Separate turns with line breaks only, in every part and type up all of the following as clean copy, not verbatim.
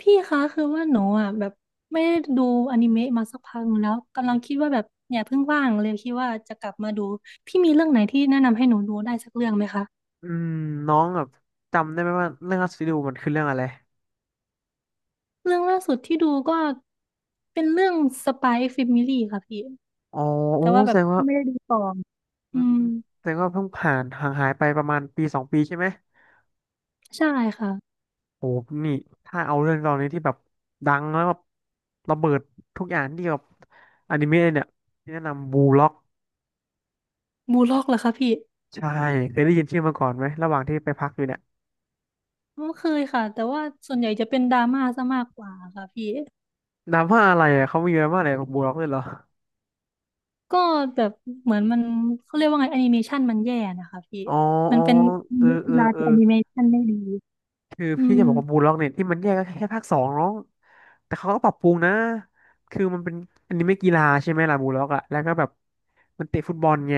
พี่คะคือว่าหนูอ่ะแบบไม่ได้ดูอนิเมะมาสักพักหนึงแล้วกำลังคิดว่าแบบเนี่ยเพิ่งว่างเลยคิดว่าจะกลับมาดูพี่มีเรื่องไหนที่แนะนำให้หนูดูได้สักเรื่องไหมคะ
อืมน้องแบบจำได้ไหมว่าเรื่องอัสซิดูมันคือเรื่องอะไร
เรื่องล่าสุดที่ดูก็เป็นเรื่องสป y ยแฟมิลี่ค่ะพี่
อ๋อโอ้
แต่ว่า
แส
แบบ
ดงว่าอื
อื
ม
ม
แสดงว่าเพิ่งผ่านห่างหายไปประมาณปีสองปีใช่ไหม
ใช่ค่ะ
โอ้นี่ถ้าเอาเรื่องตอนนี้ที่แบบดังแล้วแบบระเบิดทุกอย่างที่แบบอนิเมะเนี่ยที่แนะนำบูล็อก
บูลล็อกเหรอคะพี่
ใช่เคยได้ยินชื่อมาก่อนไหมระหว่างที่ไปพักอยู่เนี่ย
ไม่เคยค่ะแต่ว่าส่วนใหญ่จะเป็นดราม่าซะมากกว่าค่ะพี่
นามว่าอะไรอ่ะเขามีนามว่าอะไรบูล็อกด้วยเหรอ
ก็แบบเหมือนมันเขาเรียกว่าไงแอนิเมชันมันแย่นะคะพี่
อ๋อ
มั
อ๋
น
อ
เป็น
เออเอ
กี
อ
ฬา
เออ
ที่แอนิเมชันไม่ดี
คือ
อื
พี่จะ
ม
บอกว่าบูลล็อกเนี่ยที่มันแยกก็แค่ภาค 2น้องแต่เขาก็ปรับปรุงนะคือมันเป็นอันนี้ไม่กีฬาใช่ไหมล่ะบูลล็อกอะแล้วก็แบบมันเตะฟุตบอลไง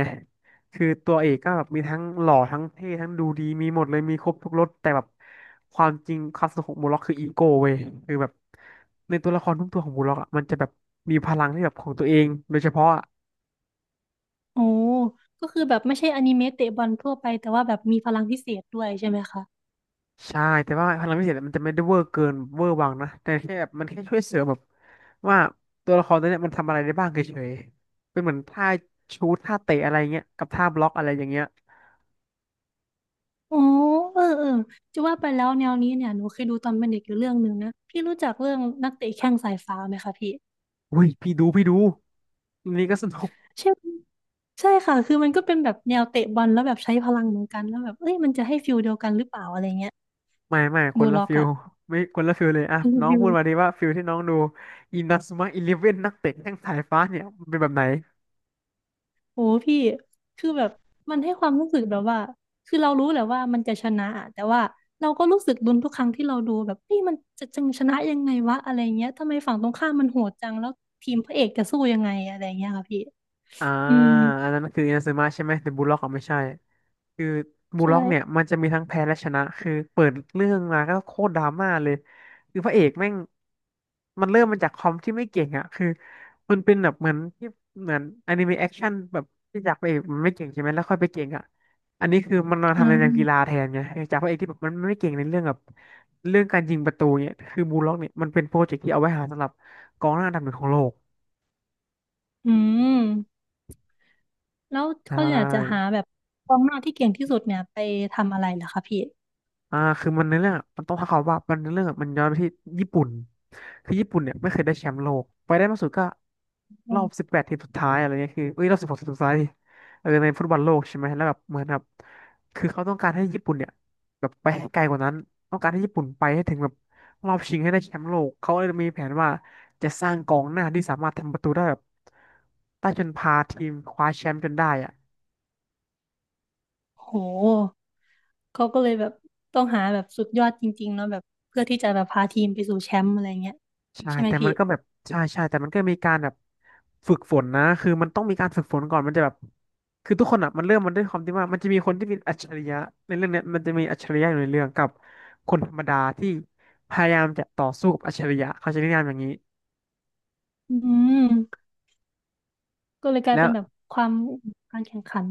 คือตัวเอกก็แบบมีทั้งหล่อทั้งเท่ทั้งดูดีมีหมดเลยมีครบทุกรสแต่แบบความจริงความสนุกของบูลล็อกคืออีโก้เว้ยคือแบบในตัวละครทุกตัวของบูลล็อกอะมันจะแบบมีพลังที่แบบของตัวเองโดยเฉพาะ
โอ้ก็คือแบบไม่ใช่อนิเมะเตะบอลทั่วไปแต่ว่าแบบมีพลังพิเศษด้วยใช่ไหมคะ
ใช่แต่ว่าพลังพิเศษมันจะไม่ได้เวอร์เกินเวอร์วังนะแต่แค่แบบมันแค่ช่วยเสริมแบบว่าตัวละครตัวเนี้ยมันทำอะไรได้บ้างเฉยๆเป็นเหมือนท่าชูตท่าเตะอะไรเงี้ยกับท่าบล็อกอะไรอย่างเงี้ย
โอ้เออเออจะว่าไปแล้วแนวนี้เนี่ยหนูเคยดูตอนเป็นเด็กอยู่เรื่องหนึ่งนะพี่รู้จักเรื่องนักเตะแข้งสายฟ้าไหมคะพี่
อุ้ยพี่ดูพี่ดูอันนี้ก็สนุก
ใช่ใช่ค่ะคือมันก็เป็นแบบแนวเตะบอลแล้วแบบใช้พลังเหมือนกันแล้วแบบเอ้ยมันจะให้ฟิลเดียวกันหรือเปล่าอะไรเงี้ย
ไม่ไม่ค
บู
น
ล
ละ
ล็อก
ฟิล
อะ
ไม่คนละฟิลเลยอ่ะ
คุณ
น้อง
ฟิล
พูดมาดีว่าฟิลที่น้องดูอินา u ุมะอีเลฟเว่นนักเตะแข้งสายฟ้าเนี่ยมันเป็นแบบไหน
โหพี่คือแบบมันให้ความรู้สึกแบบว่าคือเรารู้แหละว่ามันจะชนะอะแต่ว่าเราก็รู้สึกลุ้นทุกครั้งที่เราดูแบบนี่มันจะจังชนะยังไงวะอะไรเงี้ยทำไมฝั่งตรงข้ามมันโหดจังแล้วทีมพระเอกจะสู้ยังไงอะไรเงี้ยค่ะพี่
อ่า
อืม
อันนั้นมันคืออินาซึมะใช่ไหมแต่บูลล็อกอ่ะไม่ใช่คือบูลล็อกเนี่ย
ใช่
มันจะมีทั้งแพ้และชนะคือเปิดเรื่องมาก็โคตรดราม่าเลยคือพระเอกแม่งมันเริ่มมาจากคอมที่ไม่เก่งอ่ะคือมันเป็นแบบเหมือนที่เหมือนอนิเมะแอคชั่นแบบที่จากพระเอกมันไม่เก่งใช่ไหมแล้วค่อยไปเก่งอ่ะอันนี้คือมันมา
อื
ทำในแนวกีฬา
ม
แทนไงเออจากพระเอกที่แบบมันไม่เก่งในเรื่องแบบเรื่องการยิงประตูเนี่ยคือบูลล็อกเนี่ยมันเป็นโปรเจกต์ที่เอาไว้หาสำหรับกองหน้าอันดับ 1ของโลก
อืมแล้ว
ใช่
เขาอยากจะหาแบบกองหน้าที่เก่งที่สุดเนี่ยไปทำอะไรเหรอคะพี่
อ่าคือมันในเรื่องมันต้องท้าความว่ามันในเรื่องมันย้อนไปที่ญี่ปุ่นคือญี่ปุ่นเนี่ยไม่เคยได้แชมป์โลกไปได้มากสุดก็
อ
ร
ื
อบ
ม
18 ทีมสุดท้ายอะไรเงี้ยคือเอ้ยรอบ16 ทีมสุดท้ายดิเออในฟุตบอลโลกใช่ไหมแล้วแบบเหมือนแบบคือเขาต้องการให้ญี่ปุ่นเนี่ยแบบไปให้ไกลกว่านั้นต้องการให้ญี่ปุ่นไปให้ถึงแบบรอบชิงให้ได้แชมป์โลกเขาเลยมีแผนว่าจะสร้างกองหน้าที่สามารถทำประตูได้แบบได้จนพาทีมคว้าแชมป์จนได้อะ
โหเขาก็เลยแบบต้องหาแบบสุดยอดจริงๆเนาะแบบเพื่อที่จะแบบพาทีมไปสู่แชมป์อะไรเงี้ย
ใช่
ใช่ไหม
แต่
พี่
มันก็แบบใช่ใช่แต่มันก็มีการแบบฝึกฝนนะคือมันต้องมีการฝึกฝนก่อนมันจะแบบคือทุกคนอ่ะมันเริ่มมันด้วยความที่ว่ามันจะมีคนที่เป็นอัจฉริยะในเรื่องเนี้ยมันจะมีอัจฉริยะอยู่ในเรื่องกับคนธรรมดาที่พยายามจะต่อสู้กับอัจฉริยะเขาจะนิยามอย่างนี้
อืมก็เลยกลาย
แล้
เป็
ว
นแบบความการแข่งขัน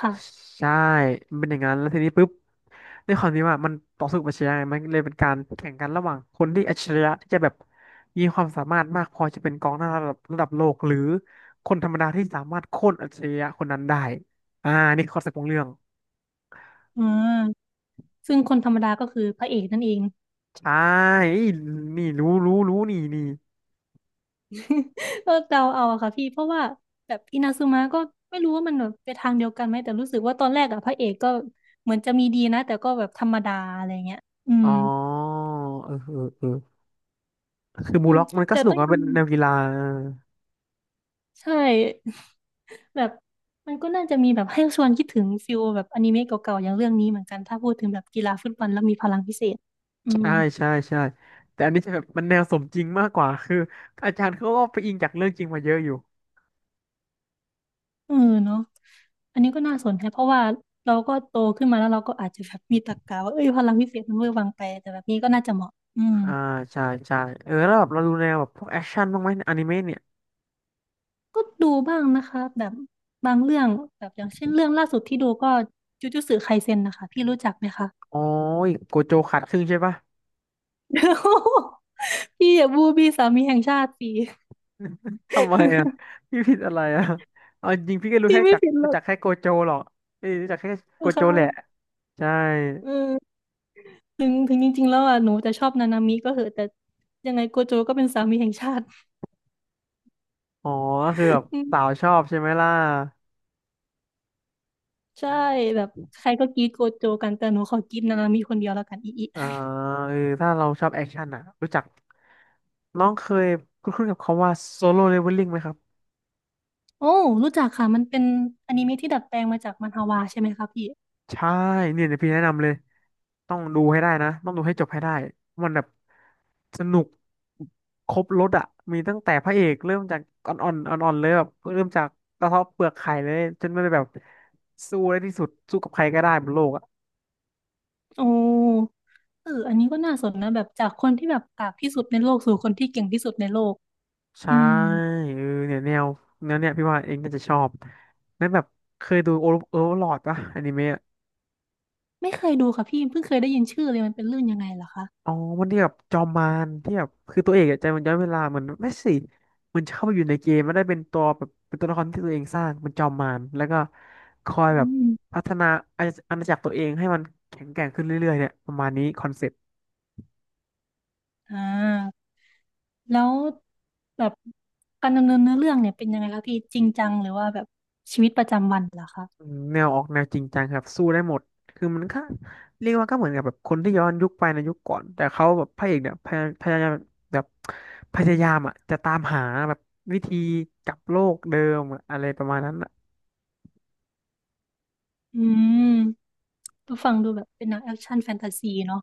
ค่ะ
ใช่มันเป็นอย่างนั้นแล้วทีนี้ปุ๊บด้วยความที่ว่ามันต่อสู้กับอัจฉริยะไงมันเลยเป็นการแข่งกันระหว่างคนที่อัจฉริยะที่จะแบบมีความสามารถมากพอจะเป็นกองหน้าระดับโลกหรือคนธรรมดาที่สามารถโค่นอัจฉริยะคนนั้นได้อ่านี่คอคอนเซ็ปต์ของเรื่อง
อ่าซึ่งคนธรรมดาก็คือพระเอกนั่นเอง
ใช่นี่รู้รู้รู้นี่นี่
ก็เดาเอาอะค่ะพี่เพราะว่าแบบอินาซึมะก็ไม่รู้ว่ามันแบบไปทางเดียวกันไหมแต่รู้สึกว่าตอนแรกอะพระเอกก็เหมือนจะมีดีนะแต่ก็แบบธรรมดาอะไรเงี้ยอื
อ๋
ม
อเออเออเออคือ
อื
มู
ม
ล็อกมันก็
แต่
สนุก
ต้อง
อะ
ยอ
มั
ม
นเป็นแนวกีฬาเออ
ใช่ แบบมันก็น่าจะมีแบบให้ชวนคิดถึงฟิลแบบอนิเมะเก่าๆอย่างเรื่องนี้เหมือนกันถ้าพูดถึงแบบกีฬาฟุตบอลแล้วมีพลังพิเศษอืม
ใช่ใช่ใช่แต่อันนี้จะแบบมันแนวสมจริงมากกว่าคืออาจารย์เขาก็ไปอิงจากเรื่องจริงมาเยอะอยู่
เออเนาะอันนี้ก็น่าสนใจเพราะว่าเราก็โตขึ้นมาแล้วเราก็อาจจะแบบมีตรรกะว่าเอ้ยพลังพิเศษมันเวอร์วังไปแต่แบบนี้ก็น่าจะเหมาะอืม
อ่าใช่ใช่เออแล้วแบบเราดูแนวแบบพวกแอคชั่นบ้างไหมอนิเมะเนี่ย
ก็ดูบ้างนะคะแบบบางเรื่องแบบอย่างเช่นเรื่องล่าสุดที่ดูก็จูจูตสึไคเซ็นนะคะพี่รู้จักไหมคะ
โอ้ยโกโจขาดครึ่งใช่ปะ
พี่อย่าบูบี้สามีแห่งชาติสิ
ทำไมอ่ะพี่ผิดอะไรอ่ะเอาจริงพี่ก็ รู้
พี่
แค่
ไม่
จัก
ผิดหร
รู้
อก
จักแค่โกโจหรอกเอ้ยรู้จักแค่โก
นะ
โจแหละ
คะ
ใช่
เออถึงถึงจริงๆแล้วอ่ะหนูจะชอบนานามิก็เหอะแต่ยังไงโกโจก็เป็นสามีแห่งชาติ
อ๋อก็คือแบบสาวชอบใช่ไหมล่ะ
ใช่แบบใครก็กรีดโกโจกันแต่หนูขอกรีดนานามิคนเดียวแล้วกันอีอี
อ่าเออถ้าเราชอบแอคชั่นอ่ะรู้จักน้องเคยคุ้นๆกับคำว่าโซโล l เลเวลลิ่งไหมครับ
โอ้รู้จักค่ะมันเป็นอนิเมะที่ดัดแปลงมาจากมันฮวาใช่ไหมคะพี่
ใช่เนี่ยเดี๋ยวพี่แนะนำเลยต้องดูให้ได้นะต้องดูให้จบให้ได้มันแบบสนุกครบรสอ่ะมีตั้งแต่พระเอกเริ่มจากอ่อนๆเลยแบบเริ่มจากกระเทาะเปลือกไข่เลยจนมันแบบสู้ได้ที่สุดสู้กับใครก็ได้บนโลกอ่ะ
โอ้เอออันนี้ก็น่าสนนะแบบจากคนที่แบบกากที่สุดในโลกสู่คนที่เก่งที่สุดในโลก
ใช่
อืม
เออเนี่ยแนวเนี่ยพี่ว่าเองน่าจะชอบแล้วแบบเคยดูโอเวอร์ลอดปะอนิเมะ
ไม่เคยดูค่ะพี่เพิ่งเคยได้ยินชื่อเลยมันเป็นเรื่องยังไงเหรอคะ
อ๋อมันที่แบบจอมมารที่แบบคือตัวเอกอะใจมันย้อนเวลาเหมือนไม่สิมันเข้าไปอยู่ในเกมมันได้เป็นตัวแบบเป็นตัวละครที่ตัวเองสร้างเป็นจอมมารแล้วก็คอยแบ
อื
บ
ม
พัฒนาอาณาจักรตัวเองให้มันแข็งแกร่งขึ้นเรื่อยๆเนี่ยประมาณนี้คอนเซ็ปต์
อ่าแล้วแบบการดำเนินเนื้อเรื่องเนี่ยเป็นยังไงคะพี่จริงจังหรือว่าแบบชีวิตประจำวันเหรอคะ
อืมแนวออกแนวจริงจังครับสู้ได้หมดคือมันก็เรียกว่าก็เหมือนกับแบบคนที่ย้อนยุคไปในยุคก่อนแต่เขาแบบพระเอกเนี่ยพยายามแบบพยายามอ่ะจะตามหาแบบวิธีกลับโลกเดิมอะอะไรประมาณนั้นอ่ะ
อืมก็ฟังดูแบบเป็นหนังแอคชั่นแฟนตาซีเนาะ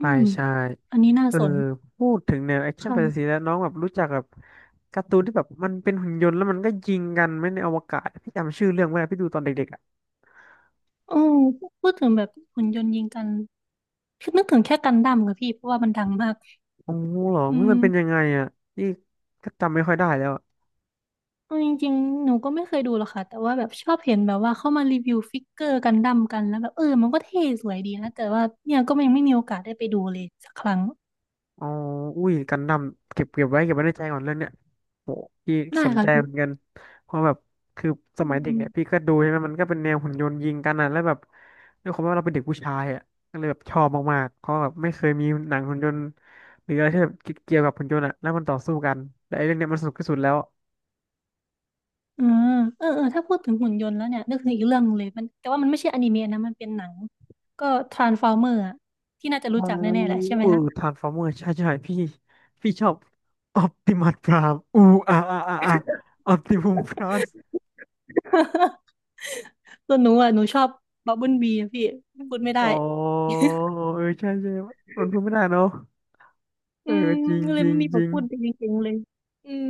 อื
่
ม
ใช่
อันนี้น่า
เออ
สน
พูดถึงแนวแอคชั่นแฟนตาซี
ค่ะ
แล้วน้องแบบรู้จักแบบการ์ตูนที่แบบมันเป็นหุ่นยนต์แล้วมันก็ยิงกันไหม่ในอวกาศพี่จำชื่อเรื่องไม่ได้พี่ดูตอนเด็กๆอ่ะ
โอืมพูดถึงแบบหุ่นยนต์ยิงกันคือนึกถึงแค่กันดั้มค่ะพี่เพราะว่ามันดังมาก
โอ้โหเหรอ
อื
มั
ม
นเป็นยังไงอ่ะพี่ก็จำไม่ค่อยได้แล้ว
เอาจริงๆ หนูก็ไม่เคยดูหรอกค่ะ แต่ว่าแบบชอบเห็นแบบว่าเข้ามารีวิวฟิกเกอร์กันดั้มกัน แล้วแบบเออมันก็เท่สวยดีนะ แต่ว่าเนี่ยก็ยังไม่มีโอกาสได้ไปดูเลยสักครั้ง
อ๋ออุ้ยกันดั้มเก็บไว้ในใจก่อนเรื่องเนี้ยโหพี่
ได้
สน
ค่ะ
ใจ
พี่
เหมือนกันเพราะแบบคือส
อื
มัยเด็ก
ม
เนี่ยพี่ก็ดูใช่ไหมมันก็เป็นแนวหุ่นยนต์ยิงกันอ่ะแล้วแบบด้วยความว่าเราเป็นเด็กผู้ชายอ่ะก็เลยแบบชอบมากๆเพราะแบบไม่เคยมีหนังหุ่นยนต์หรืออะไรที่แบบเกี่ยวกับหุ่นยนต์อ่ะแล้วมันต่อสู้กันแต่ไอ้เรื่องเนี้ยมันสนุกที่สุดแล้ว
เออเออเออถ้าพูดถึงหุ่นยนต์แล้วเนี่ยนึกถึงอีกเรื่องหนึ่งเลยมันแต่ว่ามันไม่ใช่อนิเมะนะมันเป็นหนังก็ทรานส์ฟอร์เมอร์อะที่น่าจะ
อ๋อ
รู้จักแน่ๆแหละใช่ไหม
เอู
คะ
ทรานส์ฟอร์เมอร์ใช่ใช่พี่พี่ชอบออปติมัสพรามอูอาออปติมัสพราม
ส่วนหนูอ่ะหนูชอบบับเบิลบีอะพี่พูดไม่ได้
อ๋อเออใช่ใช่มันพูดไม่ได้เนาะเอ
อื
อ
ม
จริง
ก็เล
จ
ย
ริง
ไม่มีบ
จ
ท
ริง
พูดเก่งๆเลยอืม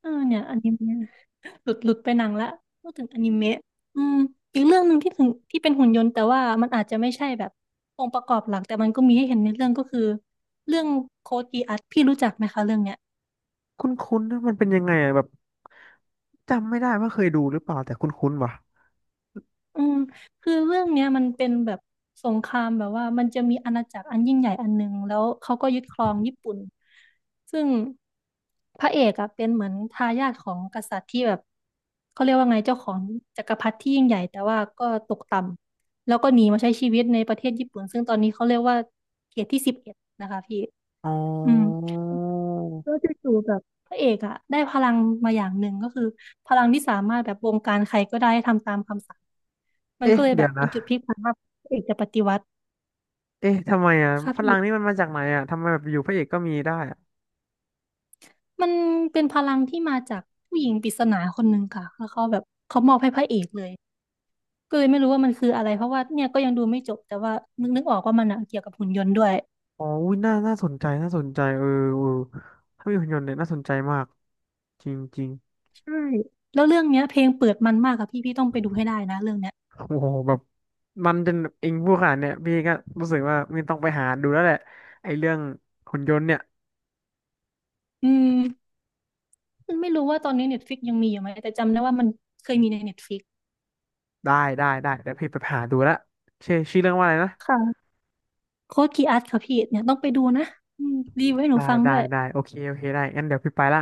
เออเนี่ยอนิเมะหลุดหลุดไปหนังละพูดถึงอนิเมะอืมอีกเรื่องหนึ่งที่ถึงที่เป็นหุ่นยนต์แต่ว่ามันอาจจะไม่ใช่แบบองค์ประกอบหลักแต่มันก็มีให้เห็นในเรื่องก็คือเรื่องโคดกีอัสพี่รู้จักไหมคะเรื่องเนี้ย
คุ้นๆนนะมันเป็นยังไงอะแบบจำไม่ได้ว่าเคยดูหรือเปล่าแต่คุ้นๆว่ะ
อืมคือเรื่องเนี้ยมันเป็นแบบสงครามแบบว่ามันจะมีอาณาจักรอันยิ่งใหญ่อันหนึ่งแล้วเขาก็ยึดครองญี่ปุ่นซึ่งพระเอกอะเป็นเหมือนทายาทของกษัตริย์ที่แบบเขาเรียกว่าไงเจ้าของจักรพรรดิที่ยิ่งใหญ่แต่ว่าก็ตกต่ำแล้วก็หนีมาใช้ชีวิตในประเทศญี่ปุ่นซึ่งตอนนี้เขาเรียกว่าเขตที่11นะคะพี่
อ๋อ
อืมแล้วจู่ๆแบบพระเอกอะได้พลังมาอย่างหนึ่งก็คือพลังที่สามารถแบบบงการใครก็ได้ให้ทำตามคำสั่ง มัน
เอ๊ะ
ก็เลยแบ
เดี๋ย
บ
ว
เป็
นะ
นจุดพลิกผันว่าพระเอกจะปฏิวัติ
เอ๊ะทำไมอ่ะ
ค่ะ
พลังนี่
พี่
มันมาจากไหนอ่ะทำไมแบบอยู่พระเอกก็มีได้อะ
มันเป็นพลังที่มาจากผู้หญิงปริศนาคนหนึ่งค่ะแล้วเขาแบบเขามอบให้พระเอกเลยก็เลยไม่รู้ว่ามันคืออะไรเพราะว่าเนี่ยก็ยังดูไม่จบแต่ว่านึกนึกออกว่ามันอะเกี่ยวกับหุ่นยนต์ด้วย
อ๋ออุ้ยน่าสนใจน่าสนใจเออเออถ้ามีหุ่นยนต์เนี่ยน่าสนใจมากจริงจริง
ใช่แล้วเรื่องเนี้ยเพลงเปิดมันมากค่ะพี่พี่ต้องไปดูให้ได้นะเรื่องเนี้ย
โอ้โหแบบมันจนเองผู้ขนาดเนี่ยพี่ก็รู้สึกว่ามันต้องไปหาดูแล้วแหละไอ้เรื่องหุ่นยนต์เนี่ย
อืมไม่รู้ว่าตอนนี้เน็ตฟิกยังมีอยู่ไหมแต่จำได้ว่ามันเคยมีในเน็ตฟิก
ได้ได้เดี๋ยวพี่ไปหาดูละชื่อเรื่องว่าอะไรนะ
ค่ะโค้ดคีอัสค่ะพี่เนี่ยต้องไปดูนะอืมรีวิวให้หนูฟังด้วย
ได้โอเคโอเคได้งั้นเดี๋ยวพี่ไปละ